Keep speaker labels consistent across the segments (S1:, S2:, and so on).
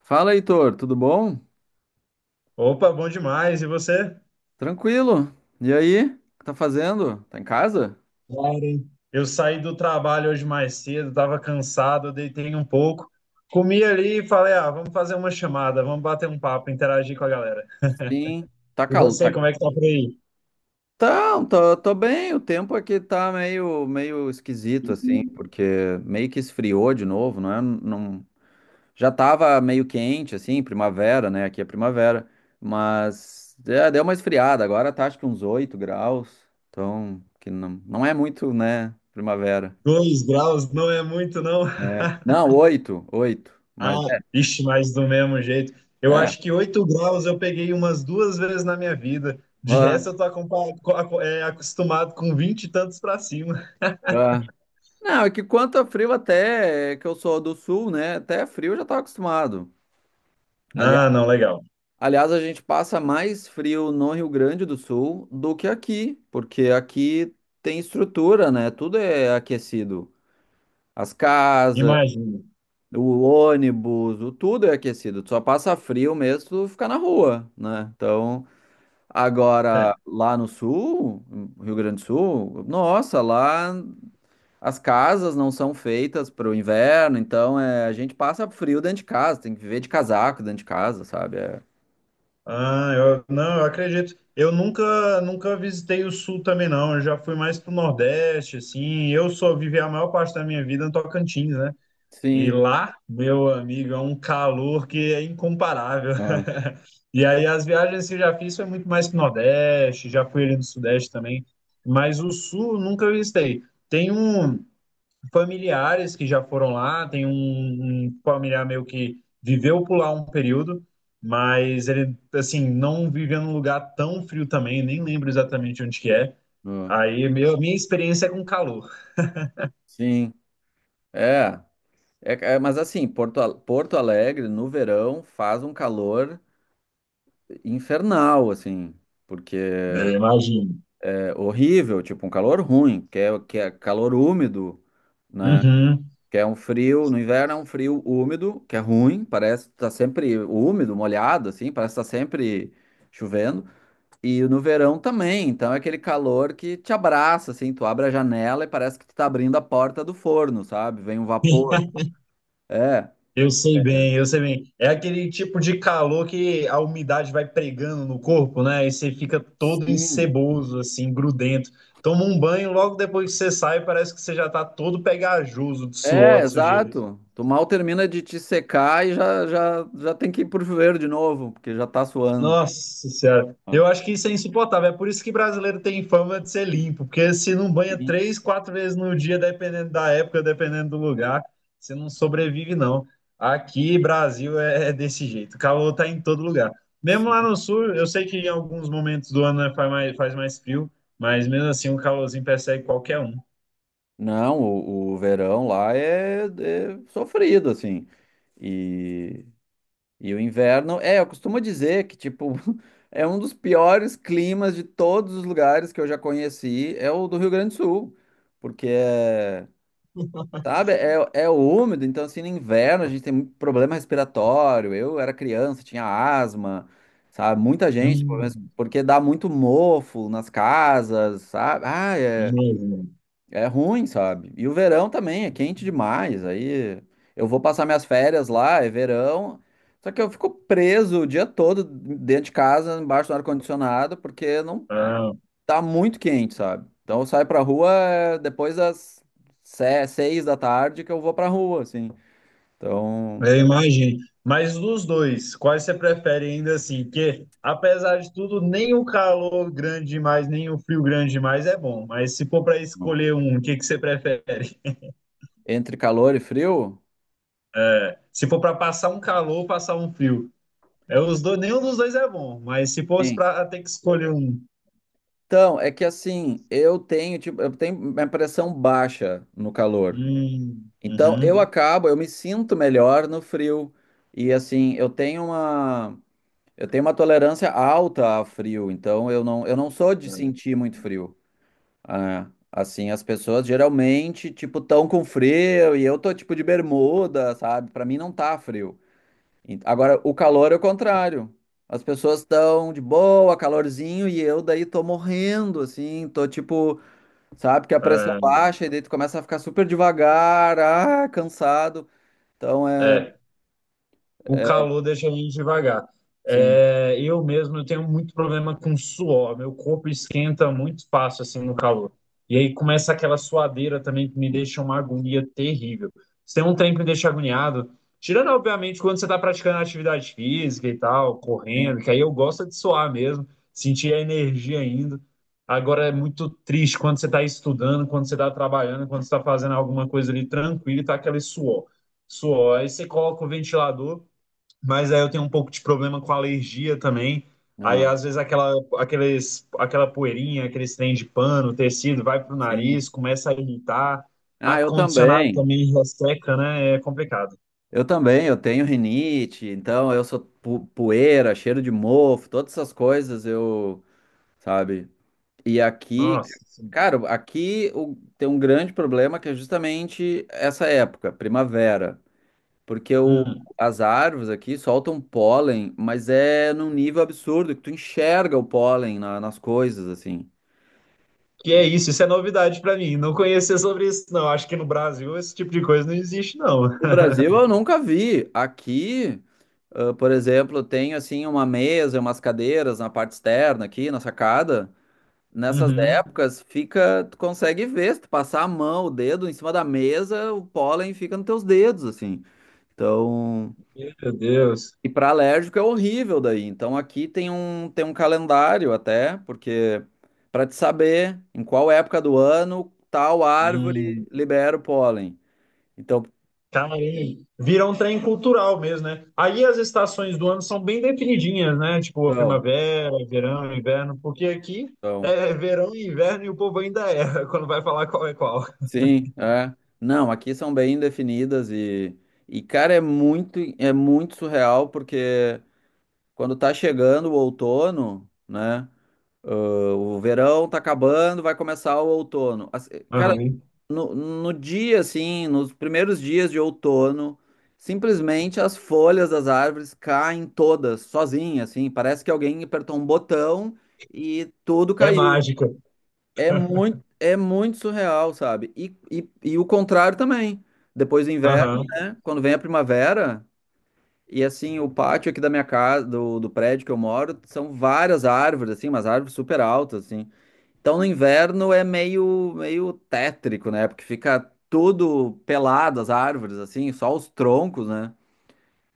S1: Fala, Heitor, tudo bom?
S2: Opa, bom demais. E você?
S1: Tranquilo? E aí? O que tá fazendo? Tá em casa?
S2: Claro. Hein? Eu saí do trabalho hoje mais cedo, estava cansado, deitei um pouco, comi ali e falei: ah, vamos fazer uma chamada, vamos bater um papo, interagir com a galera.
S1: Sim. Tá
S2: E
S1: calor.
S2: você,
S1: Tá.
S2: como é que tá por aí?
S1: Então, tô bem. O tempo aqui tá meio esquisito, assim, porque meio que esfriou de novo, não é? Não. Já tava meio quente, assim, primavera, né? Aqui é primavera. Mas é, deu uma esfriada. Agora tá acho que uns 8 graus. Então, que não é muito, né? Primavera.
S2: 2 graus não é muito, não?
S1: É. Não, oito, oito. Mas
S2: Ah, ixi, mas do mesmo jeito.
S1: é.
S2: Eu
S1: É.
S2: acho que 8 graus eu peguei umas duas vezes na minha vida. De
S1: Ah,
S2: resto, eu tô acompa- co- aco- é, acostumado com vinte e tantos para cima.
S1: ah. Não, é que quanto a frio até, que eu sou do sul, né? Até frio eu já tava acostumado. Ali-
S2: Não, não, legal.
S1: Aliás, a gente passa mais frio no Rio Grande do Sul do que aqui, porque aqui tem estrutura, né? Tudo é aquecido. As casas,
S2: Imagino.
S1: o ônibus, o tudo é aquecido. Tu só passa frio mesmo se tu ficar na rua, né? Então, agora lá no sul, no Rio Grande do Sul, nossa, lá. As casas não são feitas para o inverno, então a gente passa frio dentro de casa, tem que viver de casaco dentro de casa, sabe? É,
S2: Ah, não, eu acredito. Eu nunca visitei o Sul também, não. Eu já fui mais pro Nordeste, assim. Eu só vivi a maior parte da minha vida no Tocantins, né? E
S1: sim,
S2: lá, meu amigo, é um calor que é incomparável.
S1: ah,
S2: E aí, as viagens que eu já fiz foi muito mais pro Nordeste, já fui ali no Sudeste também. Mas o Sul, eu nunca visitei. Tem um, familiares que já foram lá, tem um familiar meu que viveu por lá um período, mas ele, assim, não viveu num lugar tão frio também, nem lembro exatamente onde que é.
S1: ah,
S2: Aí, minha experiência é com calor.
S1: sim, é, é, é, mas assim, Porto Alegre no verão faz um calor infernal, assim, porque
S2: É, imagino.
S1: é horrível, tipo um calor ruim, que é calor úmido, né?
S2: Uhum.
S1: Que é um frio, no inverno é um frio úmido, que é ruim, parece que tá sempre úmido, molhado, assim, parece que tá sempre chovendo. E no verão também, então é aquele calor que te abraça, assim, tu abre a janela e parece que tu tá abrindo a porta do forno, sabe? Vem um vapor. É,
S2: Eu sei bem. É aquele tipo de calor que a umidade vai pregando no corpo, né? E você fica todo
S1: sim.
S2: enceboso, assim, grudento. Toma um banho, logo depois que você sai, parece que você já tá todo pegajoso de
S1: É,
S2: suor, de sujeira.
S1: exato. Tu mal termina de te secar e já tem que ir pro chuveiro de novo, porque já tá suando.
S2: Nossa Senhora,
S1: Ah,
S2: eu acho que isso é insuportável. É por isso que brasileiro tem fama de ser limpo, porque se não banha
S1: sim,
S2: três, quatro vezes no dia, dependendo da época, dependendo do lugar, você não sobrevive, não. Aqui, Brasil, é desse jeito. O calor tá em todo lugar. Mesmo lá
S1: sim.
S2: no sul, eu sei que em alguns momentos do ano né, faz mais frio, mas mesmo assim o calorzinho persegue qualquer um.
S1: Não, o verão lá é sofrido, assim. E, E o inverno, eu costumo dizer que, tipo, é um dos piores climas de todos os lugares que eu já conheci, é o do Rio Grande do Sul, porque sabe, é úmido, então, assim, no inverno a gente tem muito problema respiratório, eu era criança, tinha asma, sabe, muita gente,
S2: Hum,
S1: porque dá muito mofo nas casas, sabe, ah,
S2: hum.
S1: é ruim, sabe? E o verão também é quente demais. Aí eu vou passar minhas férias lá, é verão. Só que eu fico preso o dia todo dentro de casa, embaixo do ar-condicionado, porque não
S2: Ah,
S1: tá muito quente, sabe? Então eu saio pra rua depois das 6 da tarde que eu vou pra rua, assim. Então,
S2: eu imagino. Mas dos dois, quais você prefere ainda assim? Porque, apesar de tudo, nem o calor grande demais, nem o frio grande demais é bom. Mas se for para escolher um, o que que você prefere?
S1: entre calor e frio.
S2: É, se for para passar um calor, passar um frio. É, os dois, nenhum dos dois é bom. Mas se fosse
S1: Sim.
S2: para ter que escolher um.
S1: Então, é que assim, tipo, eu tenho minha pressão baixa no calor. Então, eu, uhum,
S2: Uhum.
S1: acabo, eu me sinto melhor no frio. E assim, eu tenho uma tolerância alta a frio, então eu não sou de sentir muito frio. Ah, assim, as pessoas geralmente, tipo, tão com frio e eu tô tipo de bermuda, sabe? Pra mim não tá frio. Agora, o calor é o contrário. As pessoas estão de boa, calorzinho, e eu daí tô morrendo, assim, tô tipo, sabe, que a pressão
S2: É,
S1: baixa e daí tu começa a ficar super devagar, cansado. Então é,
S2: é. O
S1: é
S2: calor deixa a gente devagar.
S1: sim,
S2: É, eu mesmo eu tenho muito problema com suor, meu corpo esquenta muito fácil assim no calor. E aí começa aquela suadeira também que me deixa uma agonia terrível. Se tem um trem que me deixa agoniado, tirando obviamente quando você está praticando atividade física e tal, correndo,
S1: sim,
S2: que aí eu gosto de suar mesmo, sentir a energia ainda. Agora é muito triste quando você está estudando, quando você está trabalhando, quando você está fazendo alguma coisa ali tranquilo e tá aquele suor. Suor. Aí você coloca o ventilador. Mas aí eu tenho um pouco de problema com alergia também.
S1: ah,
S2: Aí às vezes aquela poeirinha, aqueles trem de pano, tecido, vai pro
S1: sim.
S2: nariz, começa a irritar.
S1: Ah, eu
S2: Ar-condicionado
S1: também.
S2: também resseca, né? É complicado.
S1: Eu também, eu tenho rinite, então eu sou poeira, cheiro de mofo, todas essas coisas eu, sabe? E aqui,
S2: Nossa. Sim.
S1: cara, aqui tem um grande problema que é justamente essa época, primavera, porque
S2: Hum.
S1: as árvores aqui soltam pólen, mas é num nível absurdo que tu enxerga o pólen nas coisas assim.
S2: Que é isso? Isso é novidade para mim. Não conhecia sobre isso, não. Acho que no Brasil esse tipo de coisa não existe, não.
S1: No Brasil eu nunca vi. Aqui, por exemplo, tem assim uma mesa, umas cadeiras na parte externa aqui, na sacada. Nessas
S2: Uhum.
S1: épocas fica, tu consegue ver, se tu passar a mão, o dedo em cima da mesa, o pólen fica nos teus dedos, assim. Então,
S2: Meu Deus.
S1: e para alérgico é horrível daí. Então aqui tem um calendário até, porque para te saber em qual época do ano tal árvore
S2: Hum.
S1: libera o pólen. Então,
S2: Caramba, vira um trem cultural mesmo, né? Aí as estações do ano são bem definidinhas, né? Tipo, a
S1: então,
S2: primavera, verão, inverno, porque aqui
S1: então,
S2: é verão e inverno e o povo ainda erra quando vai falar qual é qual.
S1: sim, é. Não, aqui são bem definidas e cara, é muito surreal porque quando tá chegando o outono, né? O verão tá acabando, vai começar o outono. Cara,
S2: Aham.
S1: no dia, assim, nos primeiros dias de outono, simplesmente as folhas das árvores caem todas, sozinhas, assim. Parece que alguém apertou um botão e tudo
S2: É
S1: caiu.
S2: mágica.
S1: É muito surreal, sabe? E o contrário também. Depois do inverno,
S2: Aham.
S1: né? Quando vem a primavera, e assim, o pátio aqui da minha casa, do prédio que eu moro, são várias árvores, assim, umas árvores super altas, assim. Então no inverno é meio tétrico, né? Porque fica tudo pelado, as árvores, assim, só os troncos, né?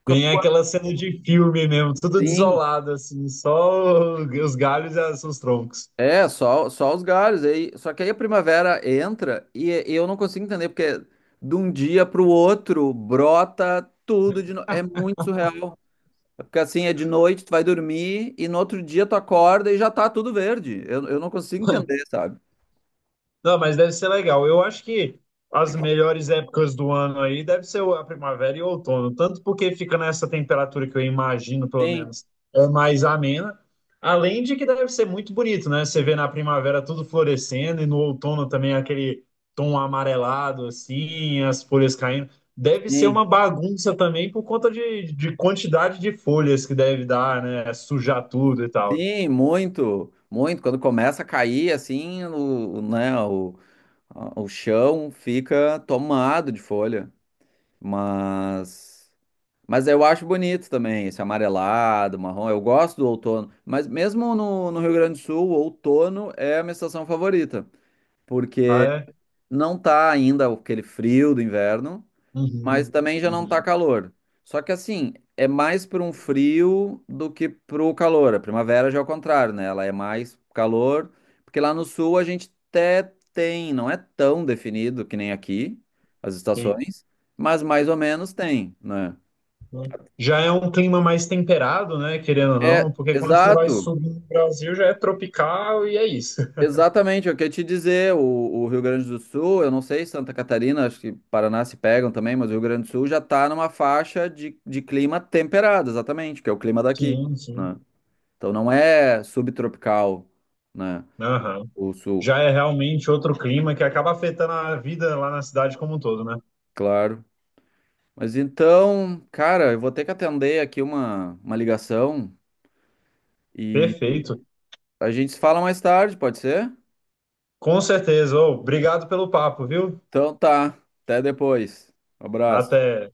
S1: Fica
S2: Tem aquela cena de filme mesmo, tudo
S1: assim.
S2: desolado, só os galhos e os troncos.
S1: É, só os galhos aí. Só que aí a primavera entra e eu não consigo entender porque de um dia para o outro brota tudo de novo. É muito surreal. É. Porque assim, é de noite, tu vai dormir e no outro dia tu acorda e já tá tudo verde. Eu não consigo entender, sabe?
S2: Não, mas deve ser legal. Eu acho que as melhores épocas do ano aí deve ser a primavera e o outono, tanto porque fica nessa temperatura que eu imagino, pelo
S1: Sim,
S2: menos, é mais amena, além de que deve ser muito bonito, né? Você vê na primavera tudo florescendo e no outono também aquele tom amarelado, assim, as folhas caindo. Deve ser
S1: sim.
S2: uma bagunça também por conta de quantidade de folhas que deve dar, né? Sujar tudo e tal.
S1: Sim, muito, muito. Quando começa a cair assim, o, né, o, a- o chão fica tomado de folha. Mas. Mas eu acho bonito também, esse amarelado, marrom. Eu gosto do outono. Mas mesmo no Rio Grande do Sul, o outono é a minha estação favorita.
S2: Ah,
S1: Porque
S2: é?
S1: não tá ainda aquele frio do inverno, mas
S2: Uhum.
S1: também já não tá
S2: Uhum.
S1: calor. Só que assim, é mais para um frio do que pro calor. A primavera já é o contrário, né? Ela é mais calor. Porque lá no sul a gente até tem, não é tão definido que nem aqui, as
S2: Sim.
S1: estações, mas mais ou menos tem, né?
S2: Já é um clima mais temperado, né? Querendo ou
S1: É,
S2: não, porque quando você vai
S1: exato,
S2: subir no Brasil já é tropical e é isso.
S1: exatamente, eu queria te dizer, o Rio Grande do Sul, eu não sei, Santa Catarina, acho que Paraná se pegam também, mas o Rio Grande do Sul já está numa faixa de clima temperado, exatamente, que é o clima daqui,
S2: Sim,
S1: né?
S2: sim.
S1: Então não é subtropical, né,
S2: Aham.
S1: o Sul,
S2: Já é realmente outro clima que acaba afetando a vida lá na cidade como um todo, né?
S1: claro. Mas então, cara, eu vou ter que atender aqui uma ligação e
S2: Perfeito.
S1: a gente se fala mais tarde, pode ser?
S2: Com certeza. Ô, obrigado pelo papo, viu?
S1: Então tá, até depois, um abraço.
S2: Até.